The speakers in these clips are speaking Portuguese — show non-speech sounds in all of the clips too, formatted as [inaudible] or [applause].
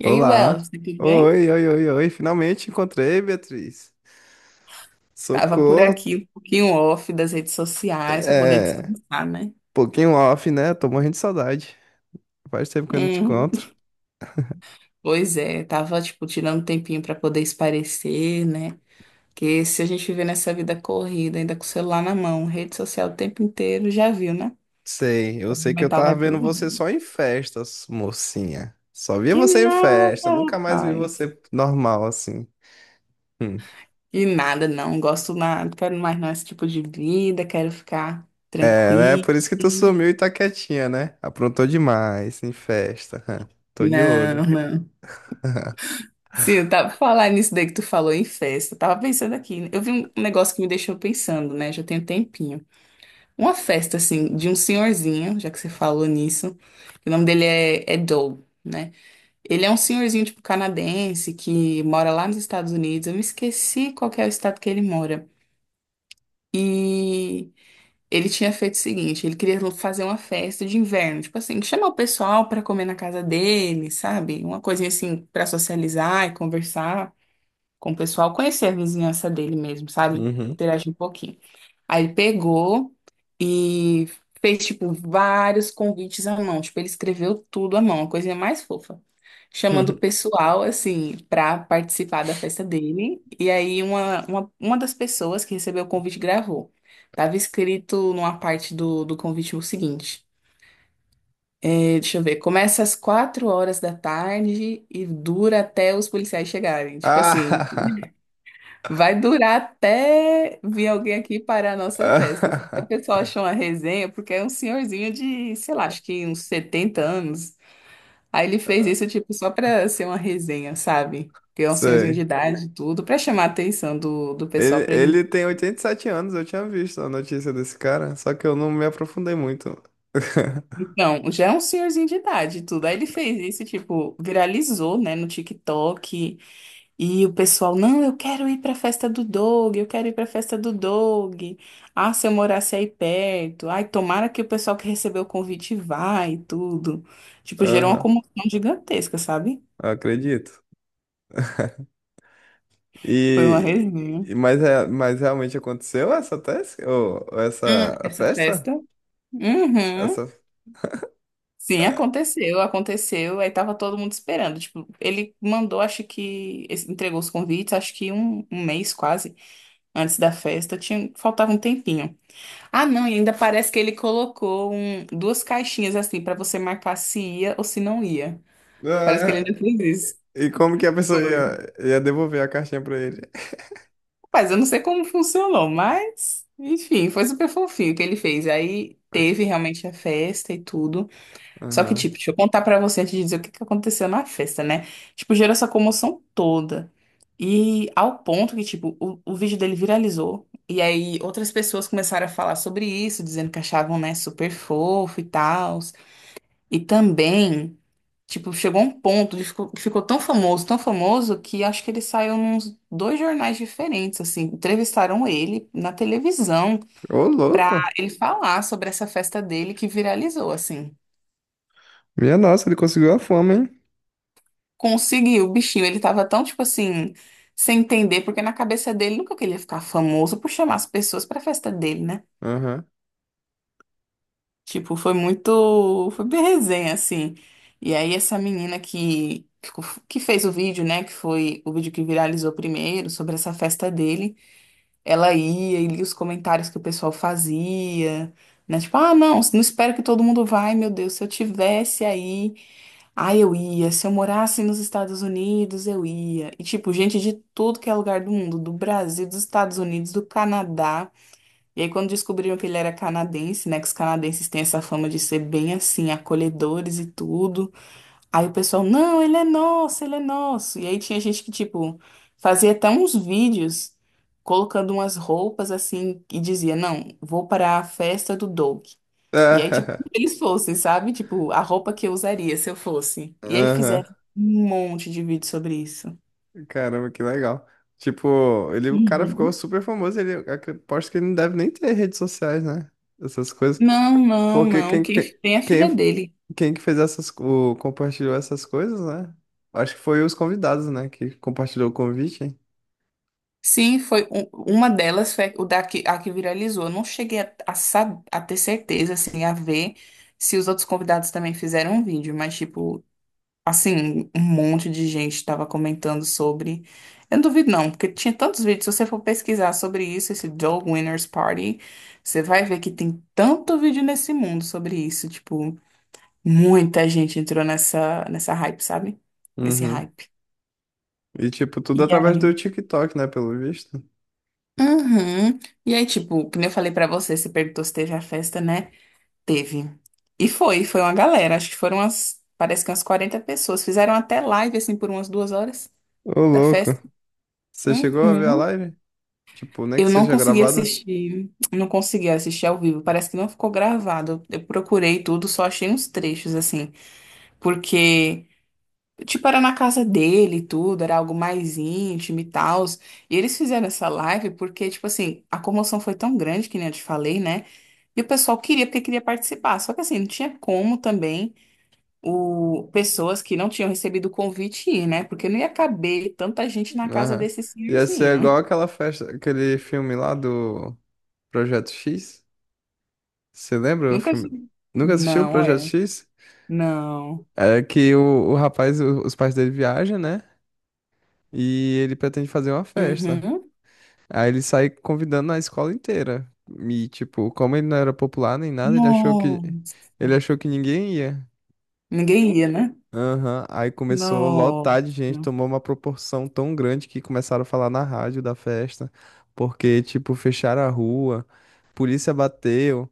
E aí, Olá. Wells, tudo bem? Oi. Finalmente encontrei, Beatriz. Tava por Socorro. aqui um pouquinho off das redes sociais para poder É, descansar, né? pouquinho off, né? Tô morrendo de saudade. Faz tempo que eu não te Uhum. encontro. Pois é, tava tipo tirando um tempinho para poder esparecer, né? Porque se a gente viver nessa vida corrida, ainda com o celular na mão, rede social o tempo inteiro, já viu, né? Sei, eu O sei que eu mental vai tava pro vendo você mundo. só em festas, mocinha. Só via Que você em nada, festa, nunca mais vi rapaz. você normal assim. Hum. Que nada, não. Gosto nada, quero mais não esse tipo de vida, quero ficar É, né? tranquilo. Por isso que tu sumiu e tá quietinha, né? Aprontou demais em festa. [laughs] Tô de olho. Não, não. Sim, eu tava falando nisso daí que tu falou em festa. Eu tava pensando aqui, né? Eu vi um negócio que me deixou pensando, né? Já tem um tempinho. Uma festa, assim, de um senhorzinho, já que você falou nisso. O nome dele é Doug, né? Ele é um senhorzinho, tipo, canadense, que mora lá nos Estados Unidos. Eu me esqueci qual que é o estado que ele mora. E ele tinha feito o seguinte: ele queria fazer uma festa de inverno, tipo assim, chamar o pessoal pra comer na casa dele, sabe? Uma coisinha assim, pra socializar e conversar com o pessoal, conhecer a vizinhança dele mesmo, sabe? Uhum. Interagir um pouquinho. Aí ele pegou e fez, tipo, vários convites à mão. Tipo, ele escreveu tudo à mão, a coisinha mais fofa. Chamando o [laughs] pessoal, assim, pra participar da festa dele. E aí, uma das pessoas que recebeu o convite gravou. Tava escrito numa parte do convite o seguinte: deixa eu ver, começa às 4 horas da tarde e dura até os policiais chegarem. Tipo assim. Ah! Vai durar até vir alguém aqui para a nossa festa, assim. O [laughs] pessoal achou uma resenha, porque é um senhorzinho de, sei lá, acho que uns 70 anos. Aí ele fez isso, tipo, só para ser uma resenha, sabe? Que é um senhorzinho de Sei. idade e tudo, para chamar a atenção do pessoal Ele, para ele. ele tem 87 anos, eu tinha visto a notícia desse cara, só que eu não me aprofundei muito. [laughs] Então, já é um senhorzinho de idade e tudo. Aí ele fez isso, tipo, viralizou, né, no TikTok. E o pessoal, não, eu quero ir para a festa do Doug, eu quero ir para a festa do Doug. Ah, se eu morasse aí perto. Ai, tomara que o pessoal que recebeu o convite vá e tudo. Tipo, gerou uma Aham, comoção gigantesca, sabe? acredito. Foi uma E, resenha. mas é, mas realmente aconteceu essa tese? Ou essa a Essa festa? festa? Uhum. Essa... Sim, aconteceu, aconteceu. Aí tava todo mundo esperando. Tipo, ele mandou, acho que entregou os convites, acho que um mês quase antes da festa. Tinha, faltava um tempinho. Ah, não, e ainda parece que ele colocou duas caixinhas assim pra você marcar se ia ou se não ia. Parece que ele Ah, ainda fez isso. e como que a pessoa Foi. ia devolver a caixinha pra ele? Mas eu não sei como funcionou, mas enfim, foi super fofinho o que ele fez. Aí teve realmente a festa e tudo. Só que, Aham. tipo, deixa eu contar pra você antes de dizer o que que aconteceu na festa, né? Tipo, gerou essa comoção toda. E ao ponto que, tipo, o vídeo dele viralizou. E aí outras pessoas começaram a falar sobre isso, dizendo que achavam, né, super fofo e tal. E também, tipo, chegou um ponto, ele ficou, ficou tão famoso, que acho que ele saiu nos dois jornais diferentes, assim, entrevistaram ele na televisão Ô, pra louco! ele falar sobre essa festa dele que viralizou, assim. Minha nossa, ele conseguiu a fama, hein? Conseguiu, o bichinho, ele tava tão, tipo assim, sem entender, porque na cabeça dele nunca que ele ia ficar famoso por chamar as pessoas pra festa dele, né? Aham. Tipo, foi muito. Foi bem resenha, assim. E aí, essa menina que fez o vídeo, né? Que foi o vídeo que viralizou primeiro, sobre essa festa dele. Ela ia e lia os comentários que o pessoal fazia, né? Tipo, ah, não, não espero que todo mundo vai, meu Deus. Se eu tivesse aí, ah, eu ia. Se eu morasse nos Estados Unidos, eu ia. E, tipo, gente de tudo que é lugar do mundo, do Brasil, dos Estados Unidos, do Canadá. E aí, quando descobriram que ele era canadense, né? Que os canadenses têm essa fama de ser bem assim, acolhedores e tudo. Aí o pessoal, não, ele é nosso, ele é nosso. E aí tinha gente que, tipo, fazia até uns vídeos colocando umas roupas assim e dizia, não, vou para a festa do Doug. E aí, tipo, se [laughs] eles fossem, sabe? Tipo, a roupa que eu usaria se eu fosse. E aí fizeram Aham. um monte de vídeo sobre isso. Caramba, que legal. Tipo, ele, o cara ficou Uhum. super famoso. Ele, eu aposto que ele não deve nem ter redes sociais, né? Essas coisas. Não, não, Porque não. quem, quem, Quem tem é a filha dele. quem que fez essas, o, compartilhou essas coisas, né? Acho que foi os convidados, né? Que compartilhou o convite. Sim, foi uma delas, foi o da que, a que viralizou. Eu não cheguei a ter certeza, assim, a ver se os outros convidados também fizeram um vídeo, mas, tipo, assim, um monte de gente estava comentando sobre. Eu não duvido, não, porque tinha tantos vídeos. Se você for pesquisar sobre isso, esse Joe Winners Party, você vai ver que tem tanto vídeo nesse mundo sobre isso. Tipo, muita gente entrou nessa hype, sabe? Nesse Uhum. hype. E, tipo, tudo através do TikTok, né? Pelo visto. Uhum. E aí, tipo, como eu falei pra você, você perguntou se teve a festa, né? Teve. E foi, foi uma galera. Acho que foram umas, parece que umas 40 pessoas. Fizeram até live, assim, por umas 2 horas Ô, da louco. festa. Você chegou a ver a Uhum. live? Tipo, nem que Eu não seja consegui gravada. assistir, não consegui assistir ao vivo. Parece que não ficou gravado. Eu procurei tudo, só achei uns trechos, assim, porque. Tipo, era na casa dele e tudo, era algo mais íntimo e tal. E eles fizeram essa live porque, tipo assim, a comoção foi tão grande, que nem eu te falei, né? E o pessoal queria, porque queria participar. Só que assim, não tinha como também pessoas que não tinham recebido o convite ir, né? Porque não ia caber tanta gente na casa Aham. desse Ia ser igual senhorzinho. aquela festa, aquele filme lá do Projeto X. Você [laughs] lembra o Nunca filme? vi. Nunca assistiu o Não, Projeto é. X? Não. É que o rapaz, o- os pais dele viajam, né? E ele pretende fazer uma festa. Uhum. Aí ele sai convidando a escola inteira. E, tipo, como ele não era popular nem nada, Nossa. ele achou que ninguém ia. Ninguém ia, né? Aham. Aí começou a Nossa. lotar de gente, tomou uma proporção tão grande que começaram a falar na rádio da festa. Porque, tipo, fecharam a rua, polícia bateu.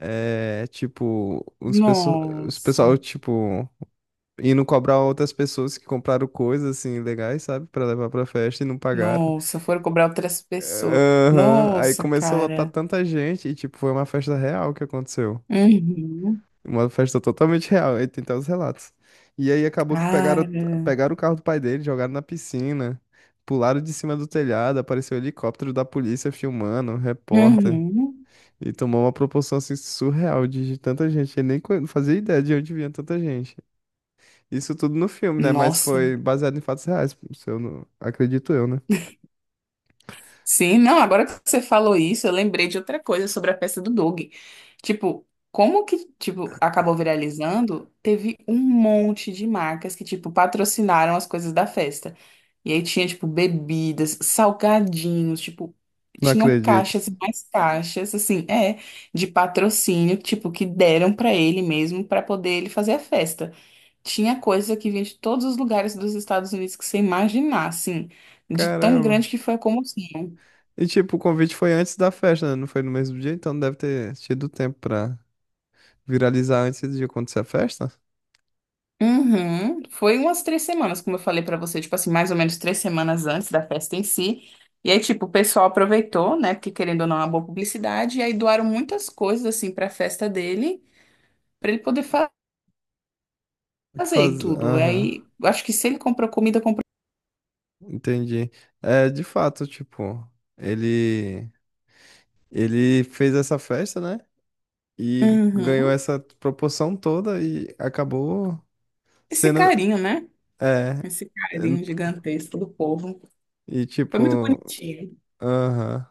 É, tipo, os, pesso- os Nossa. pessoal, tipo. E não cobrar outras pessoas que compraram coisas assim legais, sabe? Pra levar pra festa e não pagaram. Nossa. Foram cobrar outras pessoas. Aham. Aí Nossa, começou a lotar cara. tanta gente e, tipo, foi uma festa real que aconteceu. Uhum. Uma festa totalmente real. Aí tem até os relatos. E aí acabou que pegaram, Cara. pegaram o carro do pai dele, jogaram na piscina, pularam de cima do telhado, apareceu o helicóptero da polícia filmando, um repórter. Uhum. E tomou uma proporção assim surreal de tanta gente. Eu nem co- não fazia ideia de onde vinha tanta gente. Isso tudo no filme, né? Mas Nossa. foi baseado em fatos reais, se eu não... Acredito eu, né? Sim, não, agora que você falou isso, eu lembrei de outra coisa sobre a festa do Doug. Tipo, como que, tipo, acabou viralizando? Teve um monte de marcas que, tipo, patrocinaram as coisas da festa. E aí tinha, tipo, bebidas, salgadinhos, tipo, Não tinham acredito. caixas e mais caixas, assim, é, de patrocínio, tipo, que deram pra ele mesmo pra poder ele fazer a festa. Tinha coisa que vinha de todos os lugares dos Estados Unidos que você imaginar, assim, de tão grande Caramba. que foi a comoção. E tipo, o convite foi antes da festa, né? Não foi no mesmo dia, então deve ter tido tempo pra viralizar antes de acontecer a festa. Uhum. Foi umas 3 semanas, como eu falei pra você, tipo assim, mais ou menos 3 semanas antes da festa em si. E aí, tipo, o pessoal aproveitou, né? Porque querendo ou não, é uma boa publicidade. E aí doaram muitas coisas, assim, pra festa dele, pra ele poder Que fazer e Faz... tudo. E Aham, aí, eu acho que se ele comprou comida, comprou. entendi. É, de fato, tipo, ele... Ele fez essa festa, né? E ganhou Uhum. essa proporção toda e acabou Esse sendo... carinho, né? É... Esse carinho gigantesco do povo. E Foi muito tipo... bonitinho. Aham.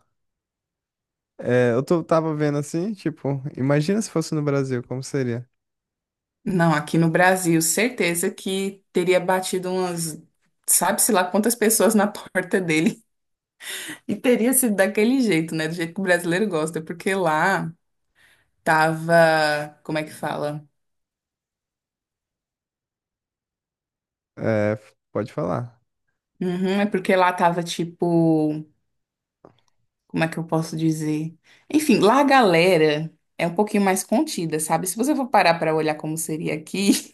É, eu tô, tava vendo assim, tipo, imagina se fosse no Brasil, como seria? Não, aqui no Brasil, certeza que teria batido umas, sabe-se lá quantas pessoas na [laughs] porta dele. E teria sido daquele jeito, né? Do jeito que o brasileiro gosta, porque lá tava. Como é que fala? É, pode falar. Uhum, é porque lá tava tipo. Como é que eu posso dizer? Enfim, lá a galera é um pouquinho mais contida, sabe? Se você for parar pra olhar como seria aqui,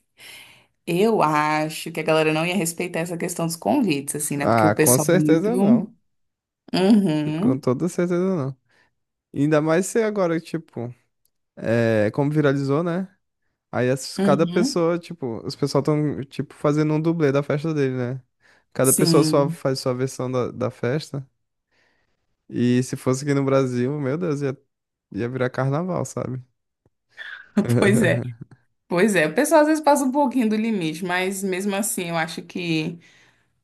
[laughs] eu acho que a galera não ia respeitar essa questão dos convites, assim, né? Porque o Ah, com pessoal é muito. certeza não. Com Uhum, toda certeza não. Ainda mais se agora, tipo, é, como viralizou, né? Aí as- cada uhum. pessoa, tipo, os pessoal tão, tipo, fazendo um dublê da festa dele, né? Cada pessoa só Sim, faz sua versão da festa. E se fosse aqui no Brasil, meu Deus, ia virar carnaval, sabe? [laughs] pois é, [laughs] pois é. O pessoal às vezes passa um pouquinho do limite, mas mesmo assim eu acho que.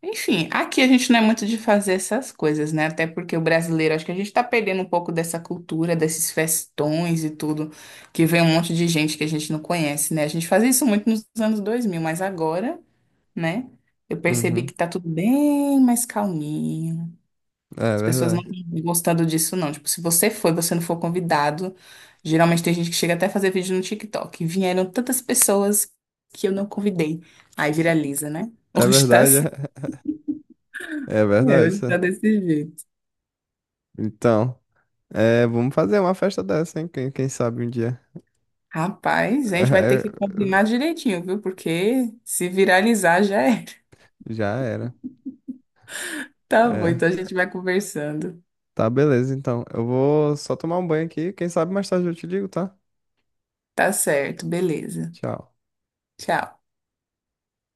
Enfim, aqui a gente não é muito de fazer essas coisas, né? Até porque o brasileiro, acho que a gente tá perdendo um pouco dessa cultura, desses festões e tudo, que vem um monte de gente que a gente não conhece, né? A gente fazia isso muito nos anos 2000 mas agora, né? Eu percebi Uhum. que tá tudo bem mais calminho. É As pessoas não verdade. estão gostando disso, não. Tipo, se você foi, você não for convidado. Geralmente tem gente que chega até a fazer vídeo no TikTok. Vieram tantas pessoas que eu não convidei. Aí viraliza, né? [laughs] É Hoje tá verdade, é é, verdade. hoje tá desse jeito. Então, é, vamos fazer uma festa dessa, hein? Quem sabe um dia. [laughs] Rapaz, a gente vai ter É, que combinar direitinho, viu? Porque se viralizar já era. [laughs] já era. Tá bom, então É, a gente vai conversando. tá, beleza, então. Eu vou só tomar um banho aqui. Quem sabe mais tarde eu te ligo, tá? Tá certo, beleza. Tchau. Tchau.